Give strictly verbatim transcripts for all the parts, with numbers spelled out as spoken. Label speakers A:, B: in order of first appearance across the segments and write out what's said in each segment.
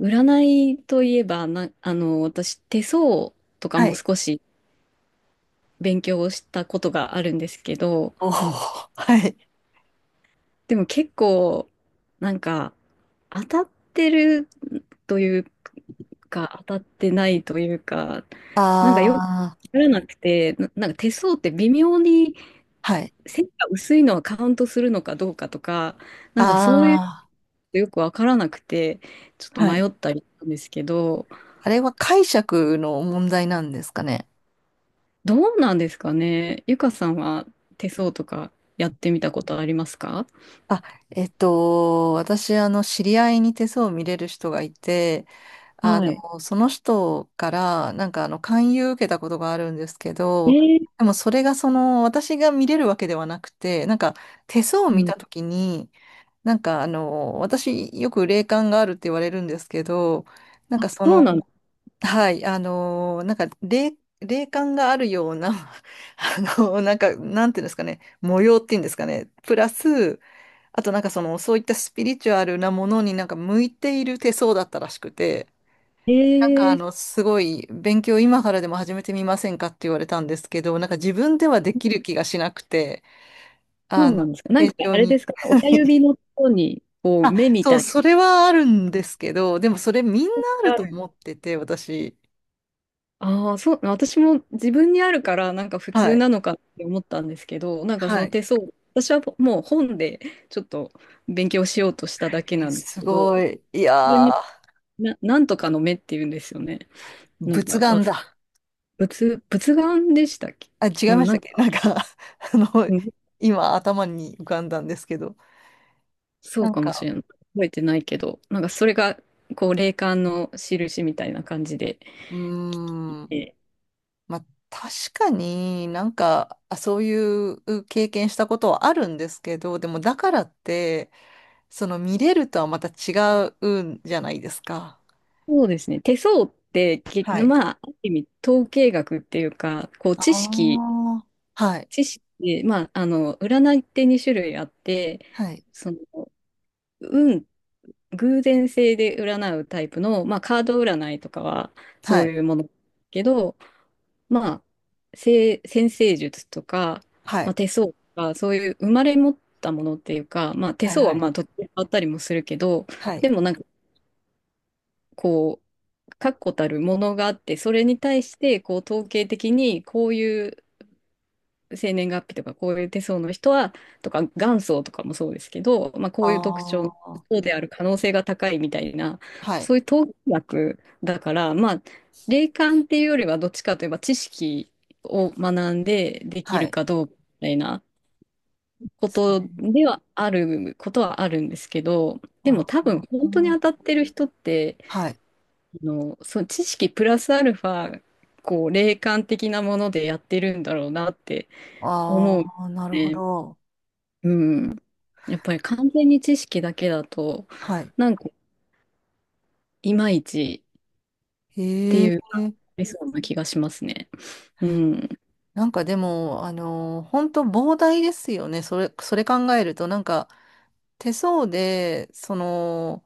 A: 占いといえば、な、あの、私、手相とか
B: は
A: も
B: い。
A: 少し勉強をしたことがあるんですけど、
B: おお、はい。
A: でも結構、なんか、当たってるというか、当たってないというか、なんかよくわ
B: ああ、
A: からなくて、な、なんか手相って微妙に
B: はい。
A: 線が薄いのはカウントするのかどうかとか、なんかそういう
B: あ
A: のよくわからなくて、ちょっと
B: あ、は
A: 迷
B: い。
A: ったりしたんですけど、
B: あれは解釈の問題なんですかね。
A: どうなんですかね。ゆかさんは手相とかやってみたことありますか？
B: あ、えっと、私、あの、知り合いに手相を見れる人がいて、あ
A: はい。
B: の、その人から、なんか、あの、勧誘受けたことがあるんですけ
A: え
B: ど、
A: ー、
B: でも、それが、その、私が見れるわけではなくて、なんか、手相を見
A: うん。
B: たときに、なんか、あの、私、よく霊感があるって言われるんですけど、なん
A: あ、
B: かそ
A: そう
B: の、
A: なんだ。
B: はい、あのーなんか霊、霊感があるような あのーなんか、なんていうんですかね、模様っていうんですかね、プラス、あとなんかその、そういったスピリチュアルなものになんか向いている手相だったらしくて、なんか
A: え
B: あ
A: ー、
B: の、すごい勉強今からでも始めてみませんかって言われたんですけど、なんか自分ではできる気がしなくて、
A: そ
B: あ
A: うな
B: の、
A: んですか。なん
B: 成
A: か
B: 長
A: あれ
B: に。
A: ですか。親指 のところに、こう、
B: あ、
A: 目み
B: そう、
A: たい
B: それはあるんですけど、でもそれみんなあ
A: な。
B: る
A: あ
B: と
A: る。
B: 思ってて、私。
A: ああ、そう、私も自分にあるから、なんか普
B: は
A: 通
B: い。
A: なのかって思ったんですけど、なんかそ
B: は
A: の
B: い。
A: 手相、私はもう本でちょっと勉強しようとしただけ
B: え
A: なんです
B: す
A: けど、
B: ご
A: そ
B: い。いや
A: れみ
B: ー、
A: な、なんとかの目っていうんですよね。なん
B: 仏
A: か
B: 眼
A: 忘
B: だ。
A: 仏、仏眼でしたっけ。
B: あ、違
A: う
B: い
A: ん、
B: まし
A: な
B: たっ
A: ん
B: け な
A: か、
B: んか あの、
A: うん、
B: 今頭に浮かんだんですけど。
A: そ
B: な
A: う
B: ん
A: かもし
B: か、
A: れない。覚えてないけど、なんかそれが、こう、霊感の印みたいな感じで
B: う
A: 来
B: ーん、
A: て、
B: まあ、確かになんか、あ、そういう経験したことはあるんですけど、でもだからって、その見れるとはまた違うんじゃないですか。
A: そうですね。手相って、き
B: はい。
A: まあ、ある意味、統計学っていうか、こう、
B: あ
A: 知識、
B: あ、はい、
A: 知識で、まあ、あの、占いってにしゅるい種類あって、
B: はい、
A: その、運、偶然性で占うタイプの、まあ、カード占いとかは、
B: は
A: そう
B: い、
A: いうものだけど、まあ、せ占星術とか、
B: は
A: ま
B: い、
A: あ、手相とか、そういう生まれ持ったものっていうか、まあ、手
B: はい、
A: 相
B: は
A: はま
B: い、
A: あ途中で変わったりもするけど、
B: はい。
A: でもなんかこう、確固たるものがあって、それに対してこう統計的にこういう生年月日とかこういう手相の人は、とか元祖とかもそうですけど、まあ、こういう特徴
B: ああ、
A: そうである可能性が高いみたいな、
B: はい、
A: そういう統計学だから、まあ、霊感っていうよりはどっちかといえば知識を学んででき
B: は
A: る
B: い。で
A: かどうかみたいなこ
B: すか
A: と
B: ね。
A: ではあることはあるんですけど、でも
B: あ
A: 多分
B: う
A: 本当に
B: ん
A: 当たってる人って、
B: はい。
A: あの、その知識プラスアルファ、こう霊感的なものでやってるんだろうなって思
B: あ
A: う
B: あ、なるほ
A: ね。
B: ど。
A: うん。やっぱり完全に知識だけだと、
B: はい。
A: なんか、いまいちって
B: へえ。
A: いう、ありそうな気がしますね。うん。
B: なんかでも、あのー、本当膨大ですよね。それ、それ考えると、なんか手相で、その、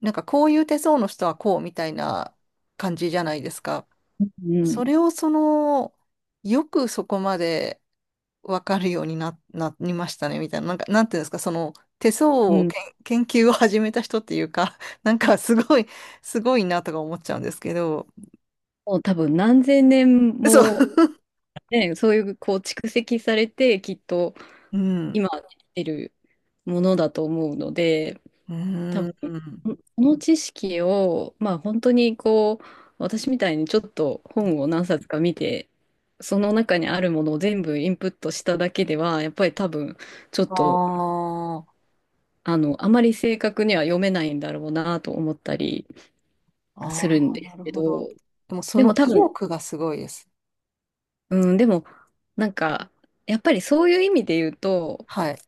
B: なんかこういう手相の人はこうみたいな感じじゃないですか。
A: うん。
B: それをその、よくそこまでわかるようにな、なりましたね、みたいな。なんか、なんていうんですか、その、手相
A: う
B: を
A: ん。
B: けん研究を始めた人っていうか、なんかすごい、すごいなとか思っちゃうんですけど。
A: もう多分何千年
B: そ
A: も、
B: う。
A: ね、そういう、こう、蓄積されて、きっと、
B: うん。
A: 今生きてるものだと思うので、
B: う
A: 多
B: ー
A: 分、
B: ん。
A: この知識を、まあ、本当に、こう、私みたいにちょっと本を何冊か見て、その中にあるものを全部インプットしただけでは、やっぱり多分、ちょっ
B: あ
A: と、
B: あ、
A: あの、あまり正確には読めないんだろうなと思ったりす
B: あ
A: るん
B: あ、
A: で
B: な
A: す
B: る
A: け
B: ほ
A: ど、
B: ど。でもそ
A: で
B: の
A: も多
B: 意
A: 分、
B: 欲がすごいです。
A: うん、でも、なんか、やっぱりそういう意味で言うと、
B: はい。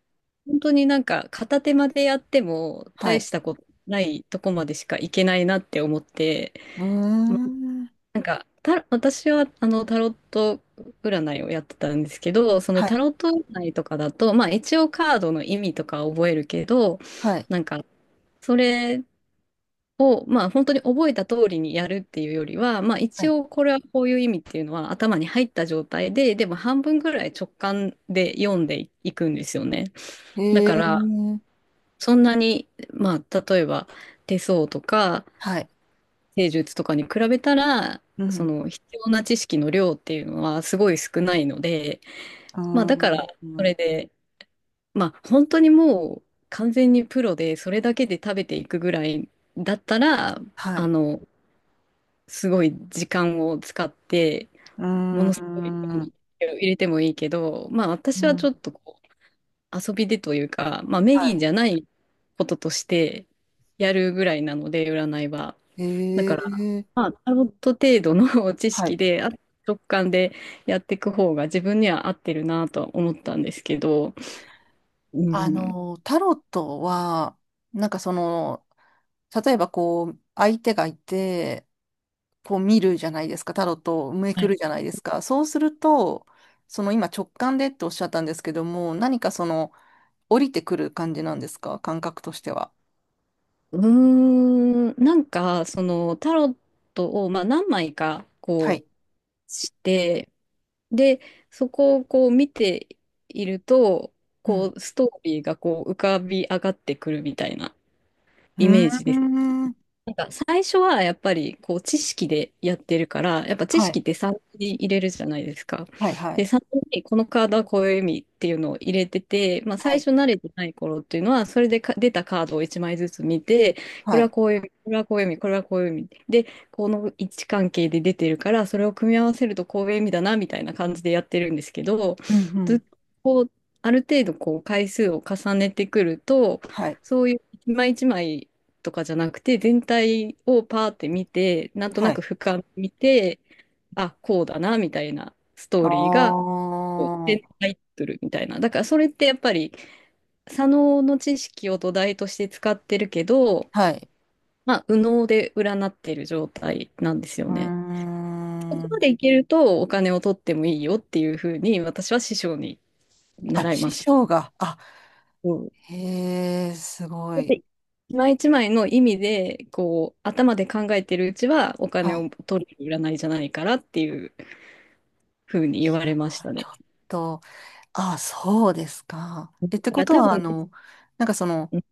A: 本当になんか片手間でやっても
B: は
A: 大
B: い。
A: したことないとこまでしかいけないなって思って、
B: うーん。
A: なんか、た、私はあのタロット占いをやってたんですけど、その
B: は
A: タ
B: い。
A: ロット占いとかだと、まあ一応カードの意味とかは覚えるけど、
B: はい。
A: なんか、それを、まあ、本当に覚えた通りにやるっていうよりは、まあ、
B: は
A: 一
B: い。
A: 応これはこういう意味っていうのは頭に入った状態で、でも半分ぐらい直感で読んでいくんですよね。
B: へ
A: だから、
B: え。
A: そんなに、まあ、例えば手相とか
B: はい。
A: 星術とかに比べたら、
B: う
A: そ
B: ん。
A: の必要な知識の量っていうのはすごい少ないので、
B: う
A: まあ、だか
B: ー
A: ら、それ
B: ん。
A: で、まあ、本当にもう完全にプロでそれだけで食べていくぐらいだったら、
B: は
A: あ
B: い。
A: の、すごい時間を使って、
B: うー
A: ものすごい量の
B: ん。
A: 手を入れてもいいけど、まあ
B: う
A: 私はち
B: ん。
A: ょっとこう遊びでというか、まあメ
B: は
A: インじ
B: い。
A: ゃないこととしてやるぐらいなので、占いは。
B: へ
A: だから、
B: え。
A: まあタロット程度の 知
B: は
A: 識
B: い。
A: で、あ直感でやっていく方が自分には合ってるなとは思ったんですけど、う
B: あ
A: ん、
B: の、タロットは、なんかその、例えばこう、相手がいて、こう見るじゃないですか、タロットをめくるじゃないですか。そうすると、その今直感でっておっしゃったんですけども、何かその降りてくる感じなんですか、感覚としては。
A: うーん、なんかそのタロットをまあ何枚か
B: は
A: こ
B: い。
A: うして、で、そこをこう見ていると、
B: うん。
A: こう、ストーリーがこう浮かび上がってくるみたいなイメージ
B: う
A: で
B: ー
A: す。
B: ん。
A: なんか最初はやっぱりこう知識でやってるから、やっぱ知
B: は
A: 識
B: い。
A: ってサンプルに入れるじゃないですか。
B: はい。は
A: で、
B: い。
A: サンプルにこのカードはこういう意味っていうのを入れてて、まあ
B: は
A: 最
B: い。
A: 初慣れてない頃っていうのは、それでか出たカードをいちまいずつ見て、こ
B: は
A: れは
B: い。
A: こういう意味、これはこういう意味、これはこういう意味。で、この位置関係で出てるから、それを組み合わせるとこういう意味だなみたいな感じでやってるんですけど、
B: うん。う
A: ずっ
B: ん。
A: とこうある程度こう回数を重ねてくると、
B: はい。
A: そういう一枚一枚とかじゃなくて、全体をパーって見て、なんと
B: は
A: なく
B: い。
A: 俯瞰見て、あ、こうだな、みたいなスト
B: あ
A: ーリーが、こう
B: あ。は
A: 全タイトルみたいな。だからそれってやっぱり、左脳の知識を土台として使ってるけど、
B: い。
A: まあ、右脳で占ってる状態なんですよ
B: うー
A: ね。そこま
B: ん。
A: でいけるとお金を取ってもいいよっていうふうに私は師匠に
B: あ、
A: 習い
B: 師
A: ました。
B: 匠が。あ、
A: うん。
B: へえ、すご
A: だっ
B: い。
A: て、一枚一枚の意味で、こう、頭で考えてるうちは、お
B: は
A: 金
B: い。
A: を取る占いじゃないからっていうふうに言われました
B: ちょ
A: ね。
B: っと。あ、そうですか。
A: だか
B: え、ってこ
A: ら
B: と
A: 多
B: は、あ
A: 分、
B: の、なんかその、
A: うん、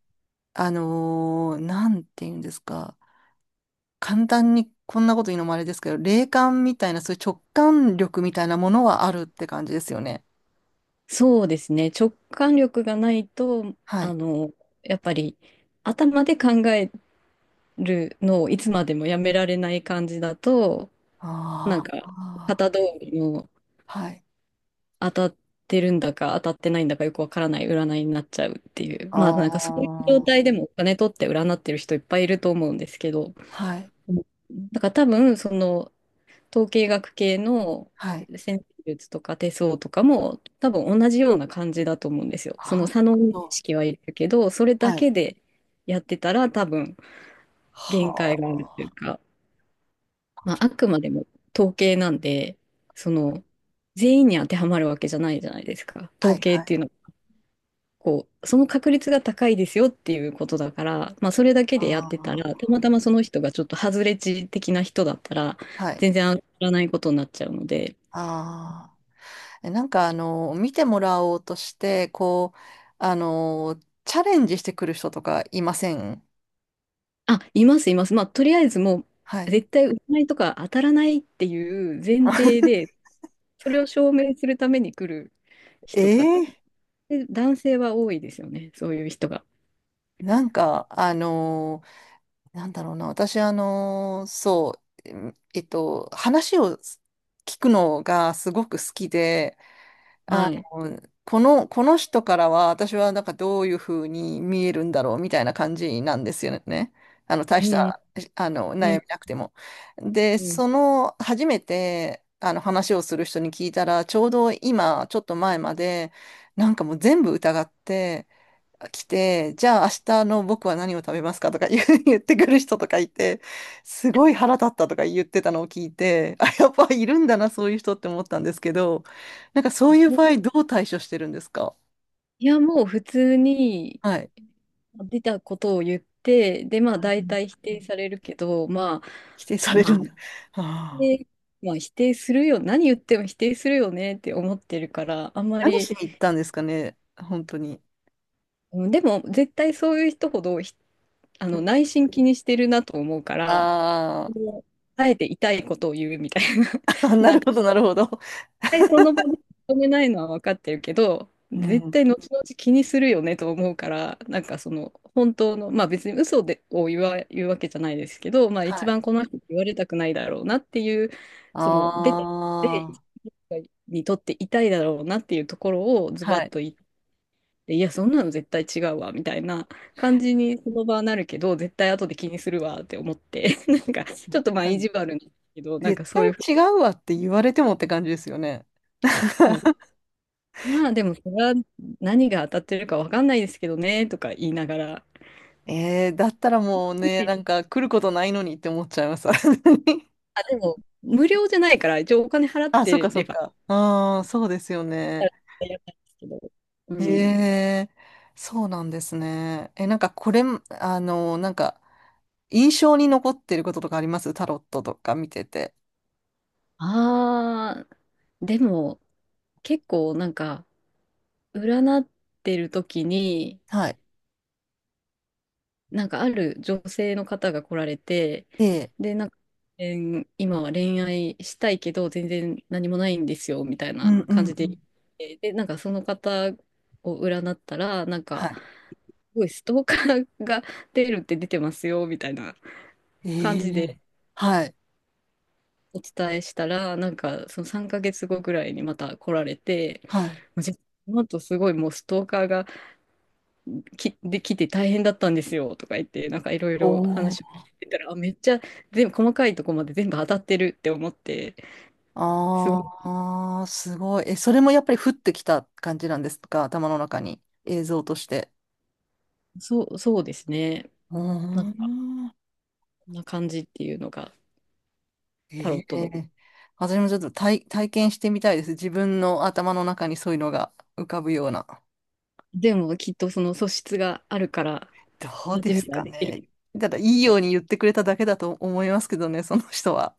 B: あのーなんて言うんですか。簡単にこんなこと言うのもあれですけど、霊感みたいな、そういう直感力みたいなものはあるって感じですよね。
A: そうですね、直感力がないと、
B: は
A: あ
B: い。
A: の、やっぱり、頭で考えるのをいつまでもやめられない感じだと、なん
B: あ
A: か、
B: あ、
A: 型通りの
B: はい。
A: 当たってるんだか当たってないんだかよくわからない占いになっちゃうっていう。
B: あ
A: まあなんかそういう状
B: あ、
A: 態でもお金取って占ってる人いっぱいいると思うんですけど、
B: はい。
A: うん、だから多分その統計学系の
B: はい。
A: 占星術とか手相とかも多分同じような感じだと思うんですよ。その
B: あ、
A: 差の意
B: そう。
A: 識はいるけど、それだ
B: はい。
A: けでやってたら多分
B: は
A: 限界があるっていう
B: あ。
A: か、まああくまでも統計なんで、その全員に当てはまるわけじゃないじゃないですか。
B: は
A: 統
B: い、
A: 計
B: は
A: ってい
B: い。
A: うのはこう、その確率が高いですよっていうことだから、まあ、それだけでやってたら、
B: あ
A: たまたまその人がちょっと外れ値的な人だったら、
B: あ、はい。
A: 全然上がらないことになっちゃうので、
B: ああ。えなんかあの、見てもらおうとして、こう、あの、チャレンジしてくる人とかいません？
A: あ、います、います。まあ、とりあえずも
B: は
A: う、
B: い。
A: 絶対占いとか当たらないっていう前提で、それを証明するために来る
B: え
A: 人とか、
B: え
A: で男性は多いですよね、そういう人が。
B: なんか、あのなんだろうな、私、あのそう、えっと、話を聞くのがすごく好きで、
A: はい。
B: うん、この、この人からは私はなんかどういうふうに見えるんだろうみたいな感じなんですよね。あの大
A: う
B: し
A: ん、
B: たあの
A: う
B: 悩
A: ん、
B: みなくても。で、
A: うん。
B: その初めてあの話をする人に聞いたらちょうど今ちょっと前までなんかもう全部疑って来て、じゃあ明日の僕は何を食べますかとか言う 言ってくる人とかいて、すごい腹立ったとか言ってたのを聞いて、あ、やっぱいるんだな、そういう人って思ったんですけど、なんかそういう場合どう対処してるんですか？
A: いや、もう普通に
B: はい。
A: 出たことを言って、で、まあ
B: う
A: 大
B: ん、
A: 体否定されるけど、まあ、
B: 否定され
A: ま
B: る
A: あ、
B: んだ。はあ、
A: でまあ否定するよ、何言っても否定するよねって思ってるから、あんま
B: 何
A: り、
B: しに行ったんですかね、本当に。
A: うん、でも絶対そういう人ほどひあの内心気にしてるなと思うから、
B: あ
A: もうあえて痛いことを言うみたいな、
B: あー、な
A: なん
B: る
A: か
B: ほど、なるほど。
A: 対その場で認めないのは分かってるけど、
B: う
A: 絶
B: ん。
A: 対後々気にするよねと思うから、なんかその本当の、まあ別に嘘でを言わ、言うわけじゃないですけど、まあ一
B: はい。
A: 番この人に言われたくないだろうなっていう、
B: あ
A: その出てきて、
B: あ、
A: にとって痛いだろうなっていうところをズバ
B: は
A: ッ
B: い。
A: と言って、いや、そんなの絶対違うわみたいな感じにその場はなるけど、絶対後で気にするわって思って、なんかちょっとまあ意地悪なんですけど、なん
B: 絶
A: かそう
B: 対
A: いうふ
B: 違うわって言われてもって感じですよね。
A: うに まあでも、それは何が当たってるかわかんないですけどね、とか言いながら。
B: えー、だったらもうね、なんか来ることないのにって思っちゃいます。
A: あ、でも、無料じゃないから、一応お金払っ
B: あ、そっ
A: て
B: かそ
A: れ
B: っ
A: ば、
B: か。ああ、そうですよね。
A: やったんですけど。う
B: え
A: ん。
B: え、そうなんですね。え、なんかこれ、あの、なんか印象に残ってることとかありますタロットとか見てて？
A: ああ、でも、結構なんか、占ってる時に、
B: はい。
A: なんかある女性の方が来られて、
B: ええ。
A: で、なんか、えー今は恋愛したいけど、全然何もないんですよ、みたい
B: う
A: な
B: んうん
A: 感
B: う
A: じで、
B: ん。
A: で、なんかその方を占ったら、なん
B: は
A: か、
B: い。
A: すごいストーカーが出るって出てますよ、みたいな
B: え
A: 感じで
B: え。はい。
A: お伝えしたら、なんかそのさんかげつごぐらいにまた来られて、
B: はい。
A: もう実この後すごいもうストーカーがきできて大変だったんですよとか言って、なんかいろい
B: お
A: ろ
B: お。
A: 話を聞いてたら、あ、めっちゃ全部細かいとこまで全部当たってるって思って、すごい、
B: ああ、すごい。え、それもやっぱり降ってきた感じなんですか？頭の中に。映像として。
A: そう、そうですね。
B: うー
A: なんか、
B: ん。
A: こんな感じっていうのがタ
B: え
A: ロットの。
B: え、私もちょっと体、体験してみたいです。自分の頭の中にそういうのが浮かぶような。
A: でもきっとその素質があるから、
B: どう
A: やっ
B: で
A: てみ
B: す
A: たら
B: か
A: できる。
B: ね。ただ、いいように言ってくれただけだと思いますけどね、その人は。